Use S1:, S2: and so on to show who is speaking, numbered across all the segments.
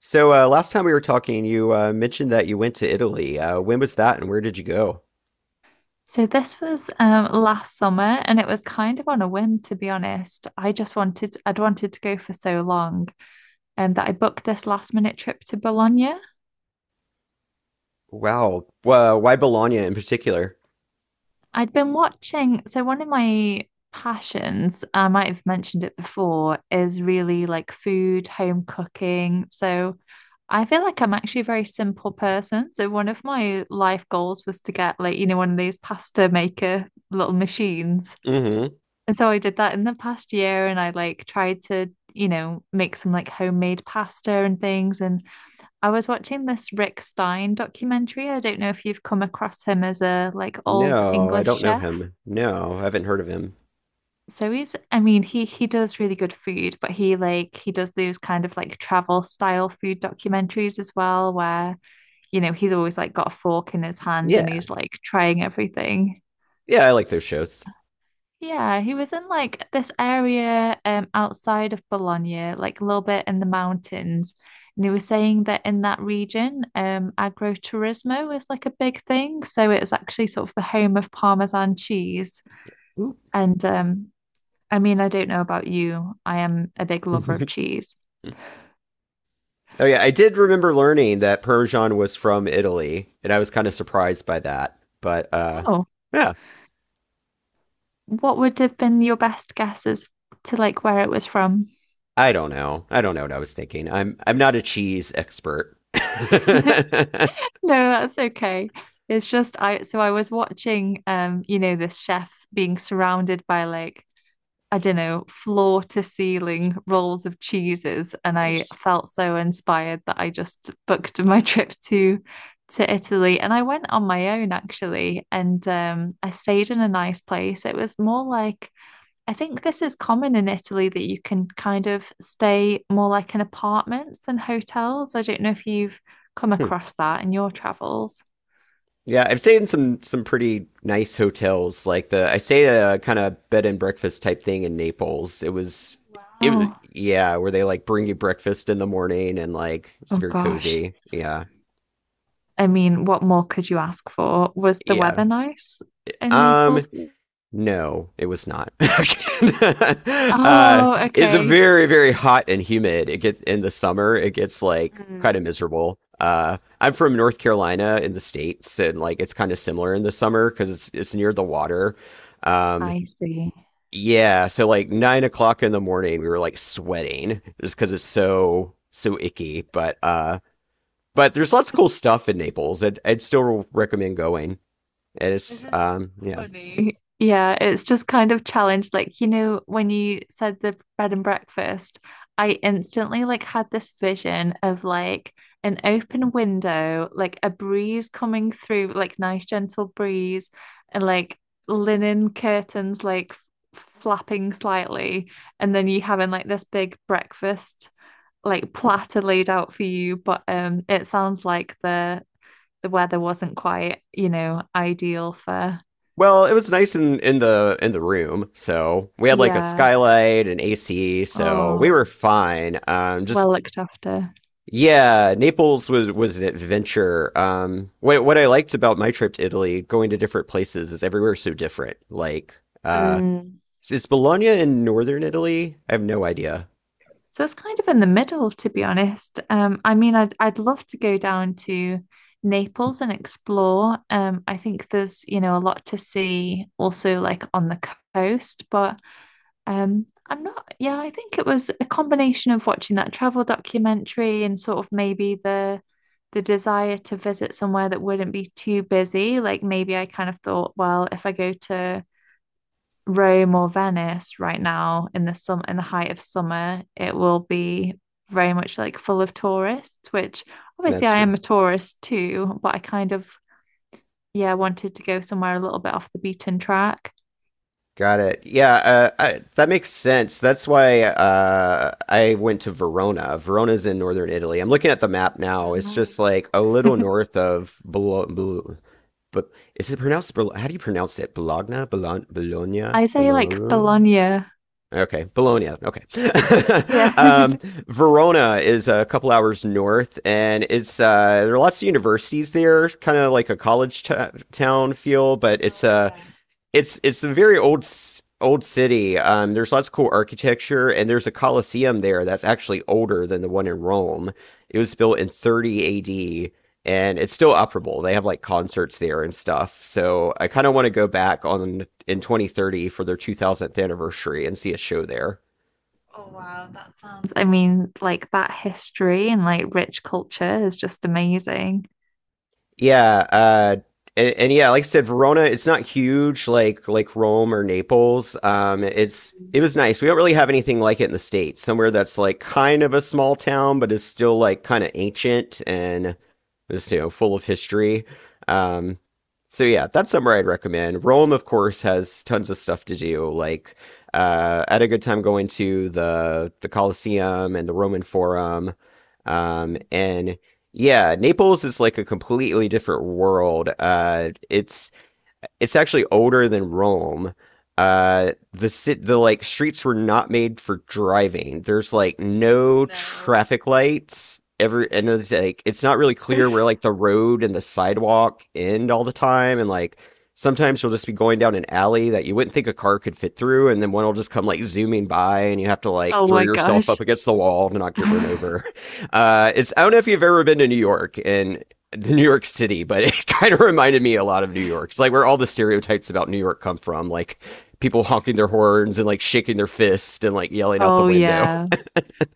S1: So last time we were talking, you mentioned that you went to Italy. When was that, and where did you go?
S2: So this was last summer, and it was kind of on a whim, to be honest. I'd wanted to go for so long, and that I booked this last minute trip to Bologna.
S1: Wow. Why Bologna in particular?
S2: I'd been watching, so one of my passions, I might have mentioned it before, is really like food, home cooking. So I feel like I'm actually a very simple person. So one of my life goals was to get, like, you know, one of those pasta maker little machines.
S1: Hmm.
S2: And so I did that in the past year and I like tried to, you know, make some like homemade pasta and things. And I was watching this Rick Stein documentary. I don't know if you've come across him as a like old
S1: No, I
S2: English
S1: don't know
S2: chef.
S1: him. No, I haven't heard of him.
S2: So I mean, he does really good food, but he like he does those kind of like travel style food documentaries as well, where, you know, he's always like got a fork in his hand
S1: Yeah,
S2: and he's like trying everything.
S1: yeah, I like those shows.
S2: Yeah, he was in like this area outside of Bologna, like a little bit in the mountains. And he was saying that in that region, agroturismo is like a big thing. So it's actually sort of the home of Parmesan cheese.
S1: Ooh.
S2: And I mean, I don't know about you. I am a big lover of cheese.
S1: Oh yeah, I did remember learning that Parmesan was from Italy, and I was kind of surprised by that. But
S2: Oh,
S1: yeah,
S2: what would have been your best guesses to like where it was from?
S1: I don't know. I don't know what I was thinking. I'm not a cheese expert.
S2: No, that's okay. It's just I so I was watching you know, this chef being surrounded by like, I don't know, floor to ceiling rolls of cheeses, and I felt so inspired that I just booked my trip to Italy. And I went on my own actually, and I stayed in a nice place. It was more like I think this is common in Italy that you can kind of stay more like in apartments than hotels. I don't know if you've come across that in your travels.
S1: Yeah, I've stayed in some pretty nice hotels. Like the I stayed at a kind of bed and breakfast type thing in Naples. It was it was-
S2: Wow.
S1: yeah, where they like bring you breakfast in the morning and like it's
S2: Oh
S1: very
S2: gosh.
S1: cozy. Yeah.
S2: I mean, what more could you ask for? Was the
S1: Yeah.
S2: weather nice in
S1: Um,
S2: Naples?
S1: no, it was not. Uh,
S2: Oh,
S1: it's a
S2: okay.
S1: very hot and humid. It gets in the summer, it gets like kind of
S2: Mm.
S1: miserable. Uh, I'm from North Carolina in the States and like it's kind of similar in the summer because it's near the water. Um,
S2: I see.
S1: Yeah, so like 9 o'clock in the morning, we were like sweating just because it's so icky. But there's lots of cool stuff in Naples. I'd still recommend going. And it's
S2: This is
S1: um, yeah.
S2: funny. Yeah, it's just kind of challenged. Like, you know, when you said the bread and breakfast, I instantly like had this vision of like an open window, like a breeze coming through, like nice gentle breeze, and like linen curtains like flapping slightly, and then you having like this big breakfast like platter laid out for you. But it sounds like the weather wasn't quite, you know, ideal for.
S1: Well, it was nice in in the room. So we had like a
S2: Yeah.
S1: skylight and AC, so we
S2: Oh,
S1: were fine. Just
S2: well looked after.
S1: yeah, Naples was an adventure. What I liked about my trip to Italy, going to different places, is everywhere so different. Like uh.
S2: Mm.
S1: Is Bologna in northern Italy? I have no idea.
S2: So it's kind of in the middle, to be honest. I mean, I'd love to go down to Naples and explore. I think there's, you know, a lot to see also like on the coast, but I'm not, yeah, I think it was a combination of watching that travel documentary and sort of maybe the desire to visit somewhere that wouldn't be too busy. Like maybe I kind of thought, well, if I go to Rome or Venice right now in the height of summer, it will be very much like full of tourists, which obviously
S1: That's
S2: I am
S1: true.
S2: a tourist too, but I kind of yeah wanted to go somewhere a little bit off the beaten track.
S1: Got it. Yeah, that makes sense. That's why I went to Verona. Verona's in northern Italy. I'm looking at the map
S2: Ah,
S1: now. It's just like a little north of Bologna. But is it pronounced? Bolo- How do you pronounce it? Bologna? Bologna? Bologna?
S2: I say like
S1: Bologna?
S2: Bologna.
S1: Okay, Bologna. Okay.
S2: Yeah. oh
S1: Um, Verona is a couple hours north, and it's there are lots of universities there, kind of like a college t town feel, but it's
S2: yeah.
S1: it's a very old city. There's lots of cool architecture, and there's a Colosseum there that's actually older than the one in Rome. It was built in 30 AD, and it's still operable. They have like concerts there and stuff. So I kind of want to go back on in 2030 for their 2000th anniversary and see a show there.
S2: I mean, like that history and like rich culture is just amazing.
S1: Yeah, and yeah, like I said, Verona, it's not huge like Rome or Naples. It's it was nice. We don't really have anything like it in the States. Somewhere that's like kind of a small town, but is still like kind of ancient and it's you know full of history. Um, so yeah, that's somewhere I'd recommend. Rome, of course, has tons of stuff to do. Like I had a good time going to the Colosseum and the Roman Forum. And yeah, Naples is like a completely different world. It's actually older than Rome. The sit the like streets were not made for driving. There's like no traffic lights. Every and it's like it's not really clear where like the road and the sidewalk end all the time. And like sometimes you'll just be going down an alley that you wouldn't think a car could fit through, and then one will just come like zooming by, and you have to like
S2: Oh
S1: throw
S2: my
S1: yourself up
S2: gosh.
S1: against the wall to not get run over. It's I don't know if you've ever been to New York, and the New York City, but it kind of reminded me a lot of New York. It's like where all the stereotypes about New York come from, like people honking their horns and like shaking their fists and like yelling out the
S2: Oh
S1: window.
S2: yeah.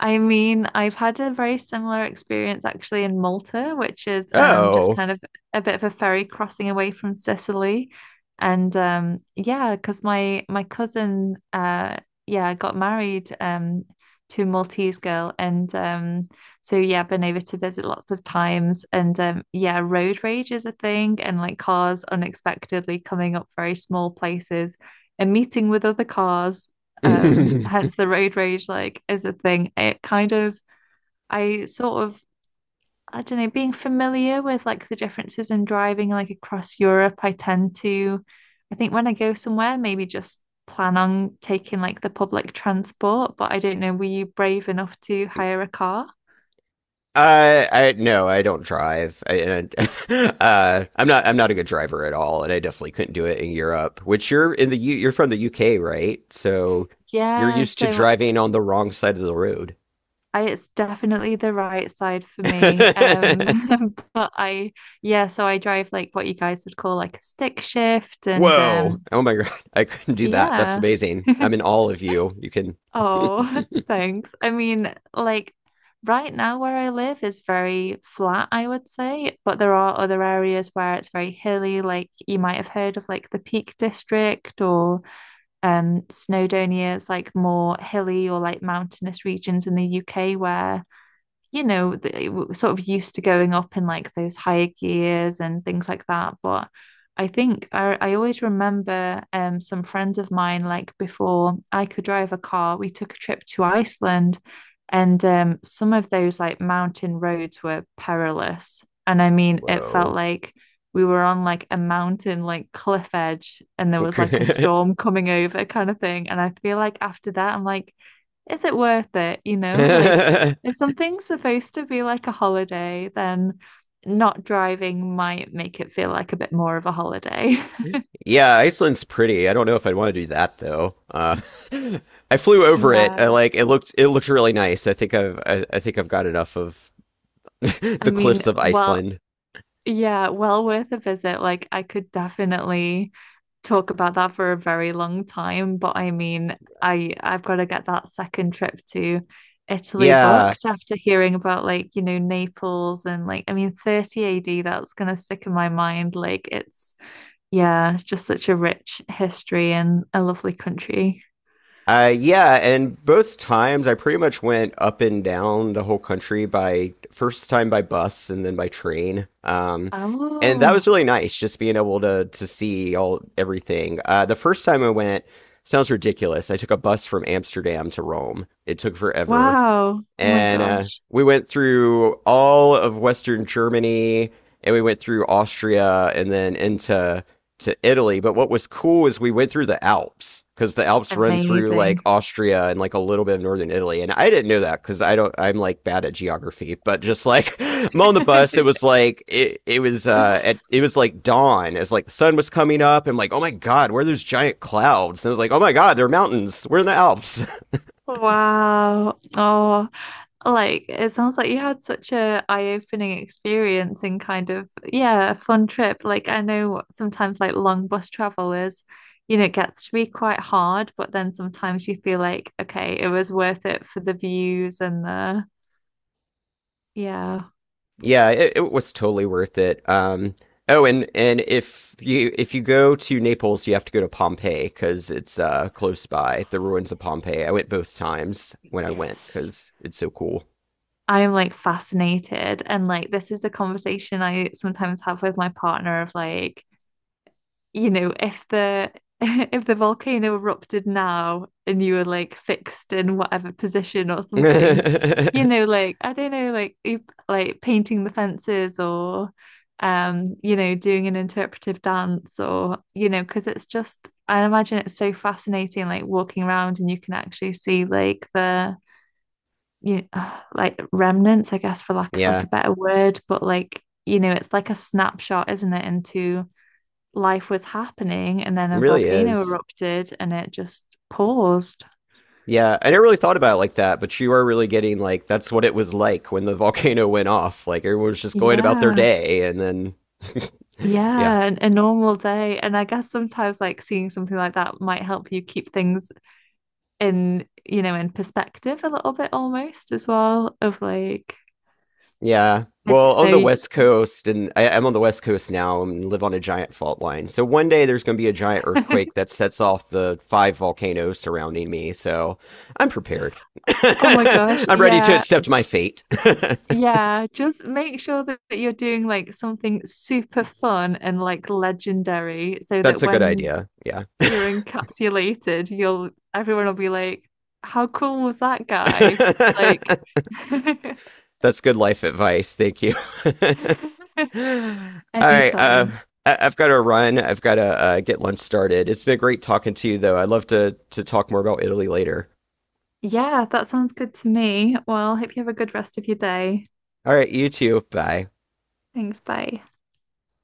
S2: I mean, I've had a very similar experience actually in Malta, which is just
S1: Oh.
S2: kind of a bit of a ferry crossing away from Sicily. And yeah, because my cousin yeah got married, to a Maltese girl, and so yeah, been over to visit lots of times. And yeah, road rage is a thing, and like cars unexpectedly coming up very small places and meeting with other cars. Hence the road rage like is a thing. It kind of I sort of I don't know, being familiar with like the differences in driving like across Europe, I tend to I think when I go somewhere, maybe just plan on taking like the public transport, but I don't know, were you brave enough to hire a car?
S1: I no, I don't drive. I'm not a good driver at all, and I definitely couldn't do it in Europe. Which you're from the UK, right? So you're
S2: Yeah,
S1: used to
S2: so
S1: driving on the wrong side of the road.
S2: I, it's definitely the right side for me. But I, yeah, so I drive like what you guys would call like a stick shift and
S1: Whoa! Oh my God, I couldn't do that. That's
S2: yeah.
S1: amazing. I'm in all of you. You can.
S2: Oh, thanks. I mean, like right now where I live is very flat, I would say, but there are other areas where it's very hilly, like you might have heard of like the Peak District or Snowdonia. It's like more hilly or like mountainous regions in the UK where you know, sort of used to going up in like those higher gears and things like that. But I always remember some friends of mine, like before I could drive a car, we took a trip to Iceland and some of those like mountain roads were perilous. And I mean, it felt
S1: Whoa.
S2: like we were on like a mountain, like cliff edge, and there was like a storm coming over kind of thing. And I feel like after that, I'm like, is it worth it? You know, like if something's supposed to be like a holiday, then not driving might make it feel like a bit more of a holiday.
S1: Yeah, Iceland's pretty. I don't know if I'd want to do that though. I flew over it. I
S2: Yeah.
S1: like it looked really nice. I think I think I've got enough of
S2: I
S1: the
S2: mean,
S1: cliffs of
S2: well,
S1: Iceland.
S2: yeah, well worth a visit. Like, I could definitely talk about that for a very long time, but I mean, I've got to get that second trip to Italy
S1: Yeah.
S2: booked after hearing about like, you know, Naples and like, I mean, 30 AD, that's gonna stick in my mind. Like, it's. Yeah, it's just such a rich history and a lovely country.
S1: Yeah, and both times I pretty much went up and down the whole country by first time by bus and then by train. And that was
S2: Oh,
S1: really nice, just being able to see all everything. The first time I went sounds ridiculous. I took a bus from Amsterdam to Rome. It took forever
S2: wow. Oh my
S1: and
S2: gosh.
S1: we went through all of Western Germany, and we went through Austria, and then into to Italy. But what was cool is we went through the Alps because the Alps run through like
S2: Amazing.
S1: Austria and like a little bit of northern Italy. And I didn't know that because I don't, I'm like bad at geography. But just like I'm on the bus, it was like it was it was like dawn as like the sun was coming up. I'm like, oh my God, where are those giant clouds? And I was like, oh my God, they're mountains. We're in the Alps.
S2: Wow. Oh, like it sounds like you had such a eye-opening experience and kind of yeah, a fun trip. Like I know sometimes like long bus travel is, you know, it gets to be quite hard, but then sometimes you feel like, okay, it was worth it for the views and the yeah.
S1: Yeah, it was totally worth it. Oh, and if you go to Naples, you have to go to Pompeii because it's close by, the ruins of Pompeii. I went both times when I went
S2: Yes.
S1: because it's so cool.
S2: I am like fascinated. And like, this is the conversation I sometimes have with my partner of like, you know, if the if the volcano erupted now and you were like fixed in whatever position or something, you know, like I don't know, like you like painting the fences or you know, doing an interpretive dance or, you know, because it's just I imagine it's so fascinating, like walking around and you can actually see like the you know, like remnants, I guess, for lack of
S1: Yeah,
S2: like a
S1: it
S2: better word, but like, you know, it's like a snapshot, isn't it, into life was happening and then a
S1: really
S2: volcano
S1: is.
S2: erupted and it just paused.
S1: Yeah, I never really thought about it like that, but you are really getting like that's what it was like when the volcano went off. Like everyone was just going about their
S2: Yeah.
S1: day, and then yeah.
S2: Yeah, a normal day. And I guess sometimes like seeing something like that might help you keep things in, you know, in perspective a little bit almost as well of like,
S1: Yeah.
S2: I don't
S1: Well, on
S2: know,
S1: the
S2: you...
S1: West Coast, and I'm on the West Coast now and live on a giant fault line. So one day there's going to be a giant earthquake that sets off the 5 volcanoes surrounding me. So I'm prepared.
S2: Oh my gosh,
S1: I'm ready to
S2: yeah.
S1: accept my fate.
S2: Yeah, just make sure that you're doing like something super fun and like legendary so
S1: That's
S2: that
S1: a good
S2: when
S1: idea. Yeah.
S2: you're encapsulated, you'll everyone will be like, how cool was that guy? Like
S1: That's good life advice. Thank you. All right.
S2: anytime.
S1: I've got to run. I've got to get lunch started. It's been great talking to you, though. I'd love to talk more about Italy later.
S2: Yeah, that sounds good to me. Well, hope you have a good rest of your day.
S1: All right, you too. Bye.
S2: Thanks, bye.